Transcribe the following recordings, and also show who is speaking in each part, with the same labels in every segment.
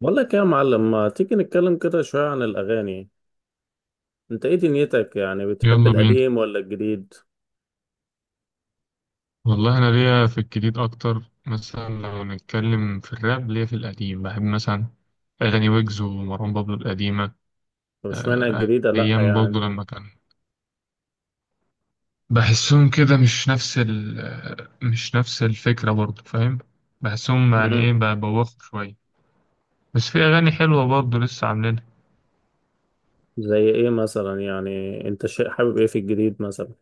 Speaker 1: بقول لك إيه يا معلم، ما تيجي نتكلم كده شوية عن الأغاني؟ أنت إيه دنيتك يعني، بتحب
Speaker 2: يلا بينا.
Speaker 1: القديم ولا الجديد؟
Speaker 2: والله انا ليا في الجديد اكتر، مثلا لو نتكلم في الراب ليا في القديم، بحب مثلا اغاني ويجز ومروان بابلو القديمه.
Speaker 1: طب اشمعنى الجديدة لأ
Speaker 2: ايام برضه
Speaker 1: يعني؟
Speaker 2: لما كان بحسهم كده مش نفس ال آه، مش نفس الفكره برضه، فاهم؟ بحسهم يعني
Speaker 1: مم.
Speaker 2: ايه، ببوخوا شويه. بس في اغاني حلوه برضه لسه عاملينها.
Speaker 1: زي إيه مثلا؟ يعني أنت شيء حابب إيه في الجديد مثلا؟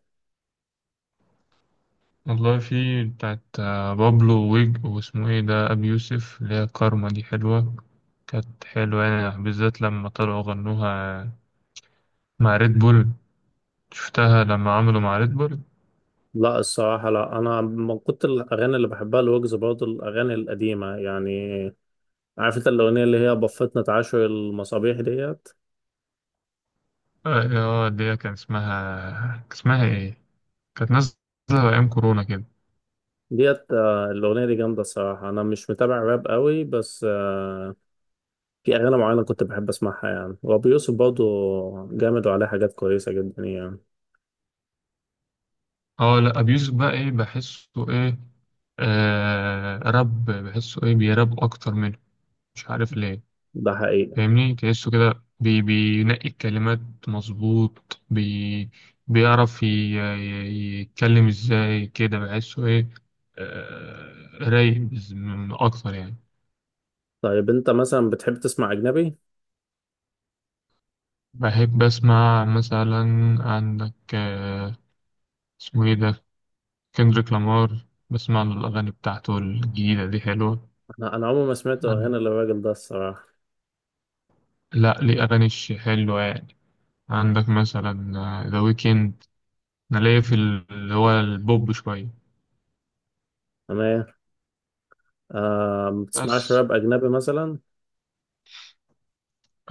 Speaker 2: والله في بتاعت بابلو ويج، واسمه ايه ده، ابي يوسف، اللي هي كارما دي حلوه، كانت حلوة يعني، بالذات لما طلعوا غنوها مع ريد بول. شفتها لما عملوا مع ريد بول.
Speaker 1: لأ الصراحة لأ، أنا من كنت الأغاني اللي بحبها الوجز، برضه الأغاني القديمة يعني. عارف أنت الأغنية اللي هي بفتنا تعاشر المصابيح ديت؟
Speaker 2: اه، اللي هي كان اسمها، كان اسمها ايه؟ كانت نازله ايام كورونا كده.
Speaker 1: الأغنية دي جامدة الصراحة. أنا مش متابع راب قوي، بس في أغاني معينة كنت بحب أسمعها يعني. وأبو يوسف برضه جامد وعليه حاجات كويسة جدا يعني.
Speaker 2: اه لا، ابيوز بقى ايه بحسه ايه، آه راب، بحسه ايه، بيراب اكتر منه، مش عارف ليه.
Speaker 1: ده حقيقة.
Speaker 2: فاهمني؟ تحسه كده بي بينقي الكلمات، مظبوط، بي بيعرف يتكلم ازاي كده، بحسه ايه آه، رايق اكتر يعني.
Speaker 1: طيب أنت مثلا بتحب تسمع أجنبي؟
Speaker 2: بحب أسمع مثلا، عندك اسمه إيه ده، كندريك لامار، بسمع له، الأغاني بتاعته الجديدة دي حلوة.
Speaker 1: أنا عمري ما سمعت
Speaker 2: عن-
Speaker 1: أغاني للراجل ده الصراحة.
Speaker 2: لا، ليه أغاني حلوة يعني، عندك مثلا ذا ويكند. أنا ليا في اللي هو البوب شوية
Speaker 1: تمام. آه، ما بتسمعش
Speaker 2: بس.
Speaker 1: راب أجنبي مثلا؟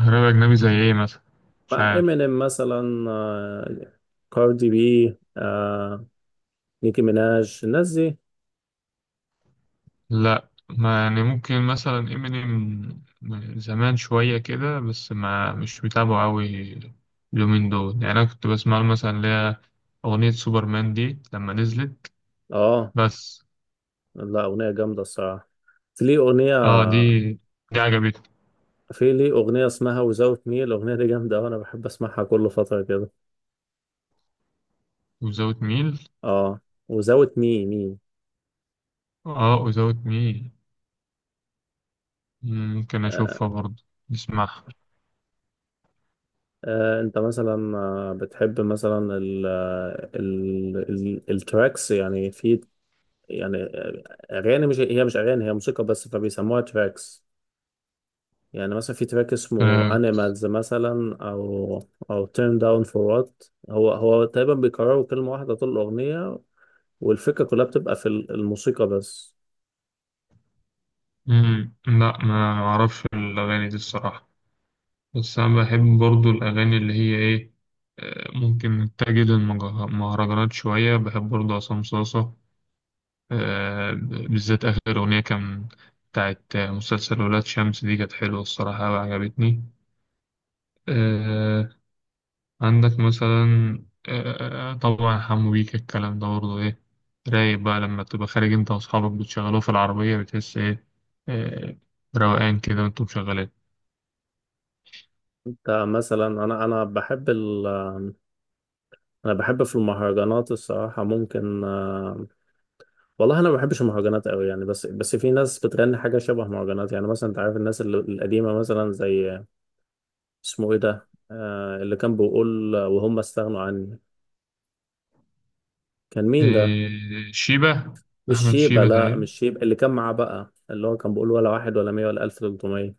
Speaker 2: راب أجنبي زي إيه مثلا؟ مش
Speaker 1: مع
Speaker 2: عارف.
Speaker 1: إمينيم مثلا، آه. كاردي بي، آه. نيكي ميناج، الناس دي.
Speaker 2: لا ما يعني، ممكن مثلا امينيم زمان شوية كده، بس ما مش متابعه أوي اليومين دول يعني. أنا كنت بسمع له مثلا اللي هي أغنية سوبرمان دي لما نزلت،
Speaker 1: آه.
Speaker 2: بس.
Speaker 1: لا أغنية جامدة الصراحة. في ليه أغنية.
Speaker 2: اه، دي عجبتني.
Speaker 1: في ليه أغنية اسمها Without Me، الأغنية دي جامدة وأنا بحب أسمعها كل فترة كده.
Speaker 2: وزاوت ميل.
Speaker 1: اه، وزاوية مي.
Speaker 2: اه وزاوت ميل، ممكن
Speaker 1: آه.
Speaker 2: أشوفها برضه، نسمعها.
Speaker 1: آه، انت مثلا بتحب مثلا ال ال التراكس يعني؟ في يعني اغاني، مش هي مش اغاني، هي موسيقى بس فبيسموها تراكس. يعني مثلا في تراك اسمه
Speaker 2: آه.
Speaker 1: انيمالز مثلا، او او تيرن داون فور وات. هو تقريبا بيكرروا كلمة واحدة طول الأغنية، والفكرة كلها بتبقى في الموسيقى بس.
Speaker 2: لا ما أعرفش الأغاني دي الصراحة. بس أنا بحب برضو الأغاني اللي هي إيه، ممكن تجد المهرجانات شوية، بحب برضو عصام صاصة، بالذات آخر أغنية كان بتاعت مسلسل ولاد شمس دي، كانت حلوة الصراحة وعجبتني. آه، عندك مثلا، طبعا حمو بيك، الكلام ده برضو إيه، رايق بقى لما تبقى خارج أنت وأصحابك بتشغلوه في العربية، بتحس إيه، آه، روقان كده وأنتم مشغلين.
Speaker 1: انت مثلا، انا بحب ال انا بحب في المهرجانات الصراحة. ممكن والله انا ما بحبش المهرجانات قوي يعني. بس في ناس بتغني حاجه شبه مهرجانات يعني. مثلا انت عارف الناس القديمه مثلا، زي اسمه ايه ده، آه، اللي كان بيقول وهم استغنوا عني، كان مين ده؟
Speaker 2: شيبة.
Speaker 1: مش
Speaker 2: أحمد
Speaker 1: شيبه،
Speaker 2: شيبة
Speaker 1: لا
Speaker 2: تقريبا.
Speaker 1: مش شيبه. اللي كان معاه بقى، اللي هو كان بيقول ولا واحد ولا مية ولا الف تلتمية.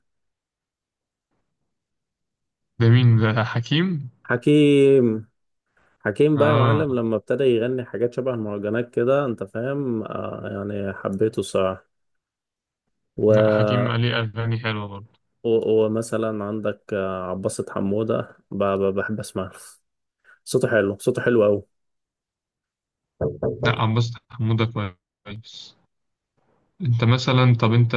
Speaker 2: ده مين ده، حكيم؟
Speaker 1: حكيم. حكيم بقى يا
Speaker 2: اه.
Speaker 1: معلم، لما ابتدى يغني حاجات شبه المهرجانات كده انت فاهم، آه، يعني حبيته الصراحه. و...
Speaker 2: لا حكيم ليه اغاني حلوه برضه.
Speaker 1: ومثلا عندك عباسة حمودة بحب اسمعها. صوته حلو، صوته حلو قوي.
Speaker 2: لا عباس حموده، كويس. انت مثلا طب انت،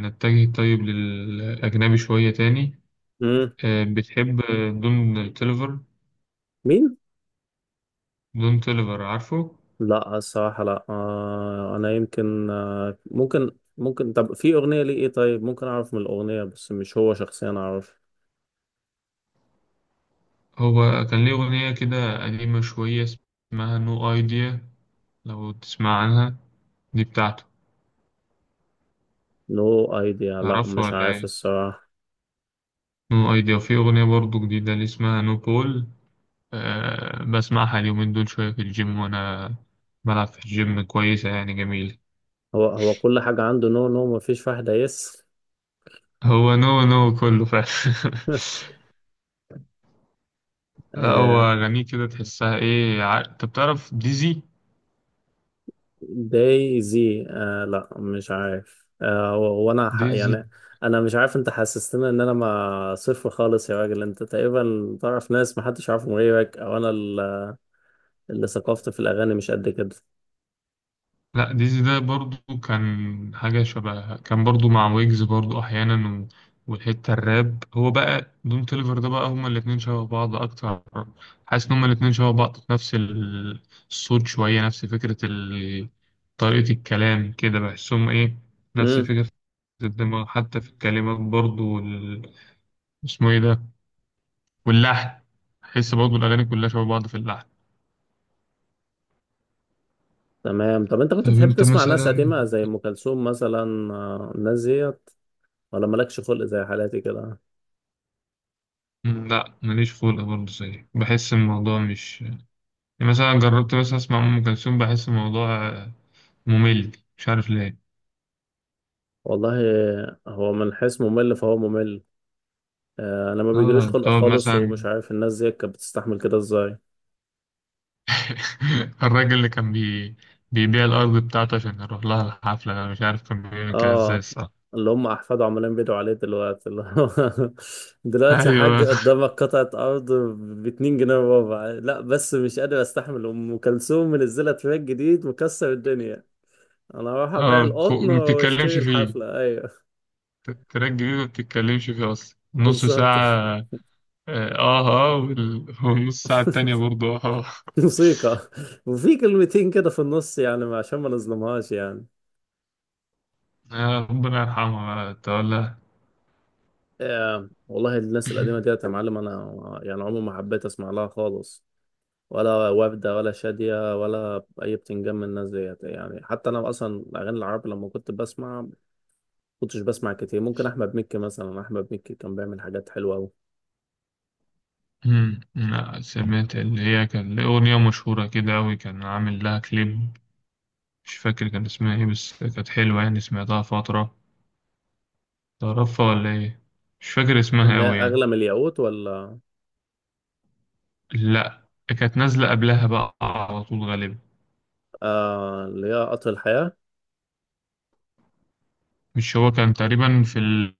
Speaker 2: نتجه طيب للاجنبي شويه تاني،
Speaker 1: امم.
Speaker 2: بتحب دون تيلفر؟
Speaker 1: مين؟
Speaker 2: دون تيلفر، عارفه؟
Speaker 1: لا الصراحه لا. آه انا يمكن، آه، ممكن ممكن. طب في اغنيه ليه ايه؟ طيب ممكن اعرف من الاغنيه بس، مش هو شخصيا اعرف.
Speaker 2: هو كان ليه اغنيه كده قديمه شويه اسمها نو ايديا، لو تسمع عنها، دي بتاعته.
Speaker 1: نو ايديا، لا
Speaker 2: تعرفها
Speaker 1: مش
Speaker 2: ولا
Speaker 1: عارف
Speaker 2: ايه؟
Speaker 1: الصراحه.
Speaker 2: نو ايديا، وفي اغنيه برضه جديده اللي اسمها نو بول. أه بسمعها اليومين دول شوية في الجيم وأنا بلعب في الجيم، كويسة يعني، جميلة.
Speaker 1: هو كل حاجه عنده نو نو، مفيش واحده يس.
Speaker 2: هو نو نو كله فعلا. لا هو
Speaker 1: آه.
Speaker 2: أغانيه كده تحسها إيه، أنت بتعرف ديزي؟
Speaker 1: دايزي، آه لا مش عارف. آه،
Speaker 2: ديزي.
Speaker 1: يعني انا مش عارف، انت حسستني ان انا ما صفر خالص يا راجل. انت تقريبا تعرف ناس محدش يعرفهم غيرك، او انا اللي ثقافتي في الأغاني مش قد كده.
Speaker 2: لا ديزي ده برضو كان حاجة شبه، كان برضو مع ويجز برضو أحيانا، والحتة الراب، هو بقى دون توليفر ده بقى هما الاتنين شبه بعض أكتر. حاسس إن هما الاتنين شبه بعض في نفس الصوت شوية، نفس فكرة طريقة الكلام كده، بحسهم إيه، نفس
Speaker 1: امم.
Speaker 2: فكرة الدماغ حتى في الكلمات برضو اسمه إيه ده، واللحن، بحس برضو الأغاني كلها شبه بعض في اللحن.
Speaker 1: تمام. طب أنت كنت
Speaker 2: طب
Speaker 1: بتحب
Speaker 2: أنت
Speaker 1: تسمع ناس
Speaker 2: مثلا،
Speaker 1: قديمة زي أم كلثوم مثلا، آه، الناس ديت؟ ولا مالكش خلق زي حالاتي كده؟
Speaker 2: لا ماليش خلق برضه زيك، بحس الموضوع مش يعني، مثلا جربت مثلا أسمع أم كلثوم، بحس الموضوع ممل، مش عارف ليه.
Speaker 1: والله هو من حيث ممل فهو ممل. آه، أنا ما بيجيليش
Speaker 2: آه
Speaker 1: خلق
Speaker 2: تقعد
Speaker 1: خالص،
Speaker 2: مثلا،
Speaker 1: ومش عارف الناس ديت كانت بتستحمل كده إزاي.
Speaker 2: الراجل اللي كان بيبيع الأرض بتاعته عشان يروح لها الحفلة، أنا مش عارف كان بيعمل كده إزاي
Speaker 1: اه،
Speaker 2: الصراحة.
Speaker 1: اللي هم احفاده عمالين بيدعوا عليه دلوقتي، اللي هو دلوقتي يا حاج
Speaker 2: أيوه.
Speaker 1: قدامك قطعة أرض ب 2 جنيه وربع، لا بس مش قادر أستحمل، أم كلثوم منزلة تراك جديد مكسر الدنيا. انا اروح ابيع
Speaker 2: آه،
Speaker 1: القطن
Speaker 2: ما
Speaker 1: واشتري
Speaker 2: بتتكلمش فيه،
Speaker 1: الحفلة، ايوه.
Speaker 2: تراك جديد ما بتتكلمش فيه أصلا نص
Speaker 1: بالظبط.
Speaker 2: ساعة، والنص ساعة التانية برضه.
Speaker 1: موسيقى، وفي كلمتين كده في النص يعني عشان ما نظلمهاش يعني.
Speaker 2: ربنا يرحمها بقى، تقول لها.
Speaker 1: آه والله الناس القديمة ديت يا معلم، انا يعني عمري ما حبيت اسمع لها خالص. ولا وردة، ولا شادية، ولا اي بتنجم من الناس ديت يعني. حتى انا اصلا الاغاني العربي لما كنت بسمع، كنتش بسمع كتير. ممكن احمد مكي مثلا، احمد مكي كان بيعمل حاجات حلوة قوي.
Speaker 2: لا سمعت، اللي هي كان ليه أغنية مشهورة كده أوي، كان عامل لها كليب، مش فاكر كان اسمها إيه، بس كانت حلوة يعني سمعتها فترة. تعرفها ولا إيه؟ مش فاكر اسمها
Speaker 1: اللي هي
Speaker 2: أوي
Speaker 1: اغلى
Speaker 2: يعني.
Speaker 1: من الياقوت ولا؟
Speaker 2: لأ كانت نازلة قبلها بقى على طول غالبا.
Speaker 1: آه اللي هي قطر الحياة.
Speaker 2: مش هو كان تقريبا في ال...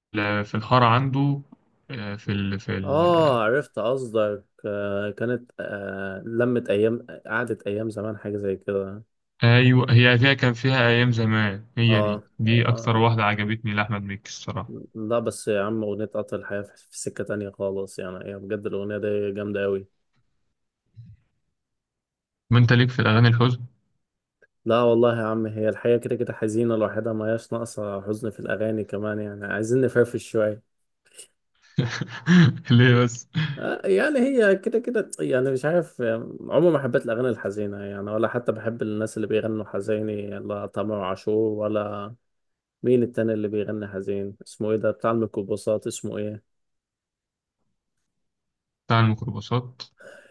Speaker 2: في الحارة عنده، آه، في ال... في ال...
Speaker 1: اه عرفت قصدك، آه، كانت، آه، لمت ايام، قعدت ايام زمان، حاجه زي كده.
Speaker 2: أيوة هي فيها، كان فيها أيام زمان، هي دي
Speaker 1: اه
Speaker 2: دي أكتر
Speaker 1: اه.
Speaker 2: واحدة عجبتني لأحمد مكي الصراحة.
Speaker 1: لا بس يا عم اغنيه قطر الحياه في سكه تانية خالص يعني، هي بجد الاغنيه دي جامده قوي.
Speaker 2: ما أنت ليك في الأغاني الحزن.
Speaker 1: لا والله يا عم، هي الحياه كده كده حزينه لوحدها، ما هياش ناقصه حزن في الاغاني كمان يعني. عايزين نفرفش شويه.
Speaker 2: ليه بس؟
Speaker 1: آه، يعني هي كده كده يعني، مش عارف، آه، عمري ما حبيت الأغاني الحزينة يعني، ولا حتى بحب الناس اللي بيغنوا حزيني. لا تامر عاشور ولا، مين التاني اللي بيغني حزين، اسمه ايه ده بتاع الميكروباصات؟ اسمه ايه
Speaker 2: بتاع الميكروباصات،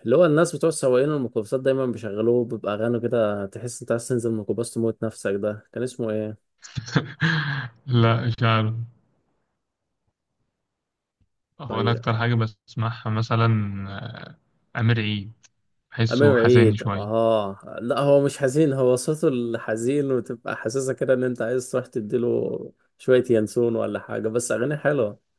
Speaker 1: اللي هو، الناس بتوع سواقين الميكروباصات دايما بيشغلوه، بيبقى اغاني كده تحس انت عايز تنزل الميكروباص تموت نفسك، ده كان اسمه ايه؟
Speaker 2: لا مش عارف. هو انا
Speaker 1: طيب.
Speaker 2: اكتر حاجه بسمعها مثلا امير عيد،
Speaker 1: امير
Speaker 2: بحسه حزين
Speaker 1: عيد؟
Speaker 2: شويه.
Speaker 1: اه لا هو مش حزين، هو صوته الحزين وتبقى حاسسها كده ان انت عايز تروح تديله شوية ينسون ولا حاجة، بس اغاني حلوة.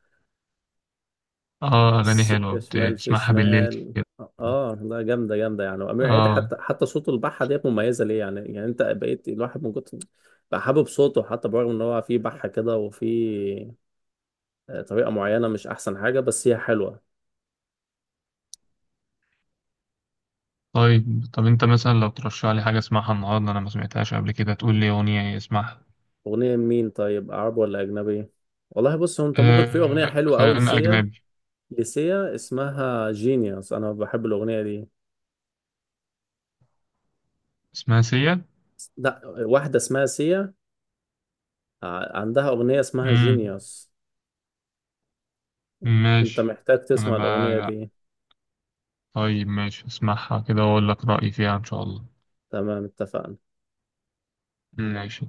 Speaker 2: اه اغاني حلوه
Speaker 1: السكة شمال في
Speaker 2: بتسمعها بالليل
Speaker 1: شمال.
Speaker 2: كده.
Speaker 1: اه، ده جامدة جامدة يعني. وأمير عيد
Speaker 2: اه.
Speaker 1: حتى صوته البحة ديت مميزة ليه يعني. يعني أنت بقيت الواحد من كتر بقى حابب صوته، حتى برغم إن هو فيه بحة كده، وفيه آه، طريقة معينة، مش أحسن حاجة بس هي حلوة.
Speaker 2: طيب طب انت مثلا لو ترشح لي حاجه اسمعها النهارده، انا ما سمعتهاش قبل كده، تقول لي اغنيه اسمعها.
Speaker 1: أغنية مين طيب، عربي ولا أجنبي؟ والله بص، هو أنت ممكن، في أغنية
Speaker 2: آه
Speaker 1: حلوة أوي
Speaker 2: خلينا
Speaker 1: لسيا.
Speaker 2: اجنبي.
Speaker 1: لسيا اسمها جينيوس، أنا بحب الأغنية دي.
Speaker 2: اسمها سيا.
Speaker 1: لا واحدة اسمها سيا، عندها أغنية اسمها
Speaker 2: امم،
Speaker 1: جينيوس. أنت
Speaker 2: ماشي.
Speaker 1: محتاج
Speaker 2: انا
Speaker 1: تسمع الأغنية
Speaker 2: بقى،
Speaker 1: دي.
Speaker 2: طيب ماشي، اسمعها كده واقول لك رايي فيها ان شاء الله.
Speaker 1: تمام اتفقنا.
Speaker 2: ماشي.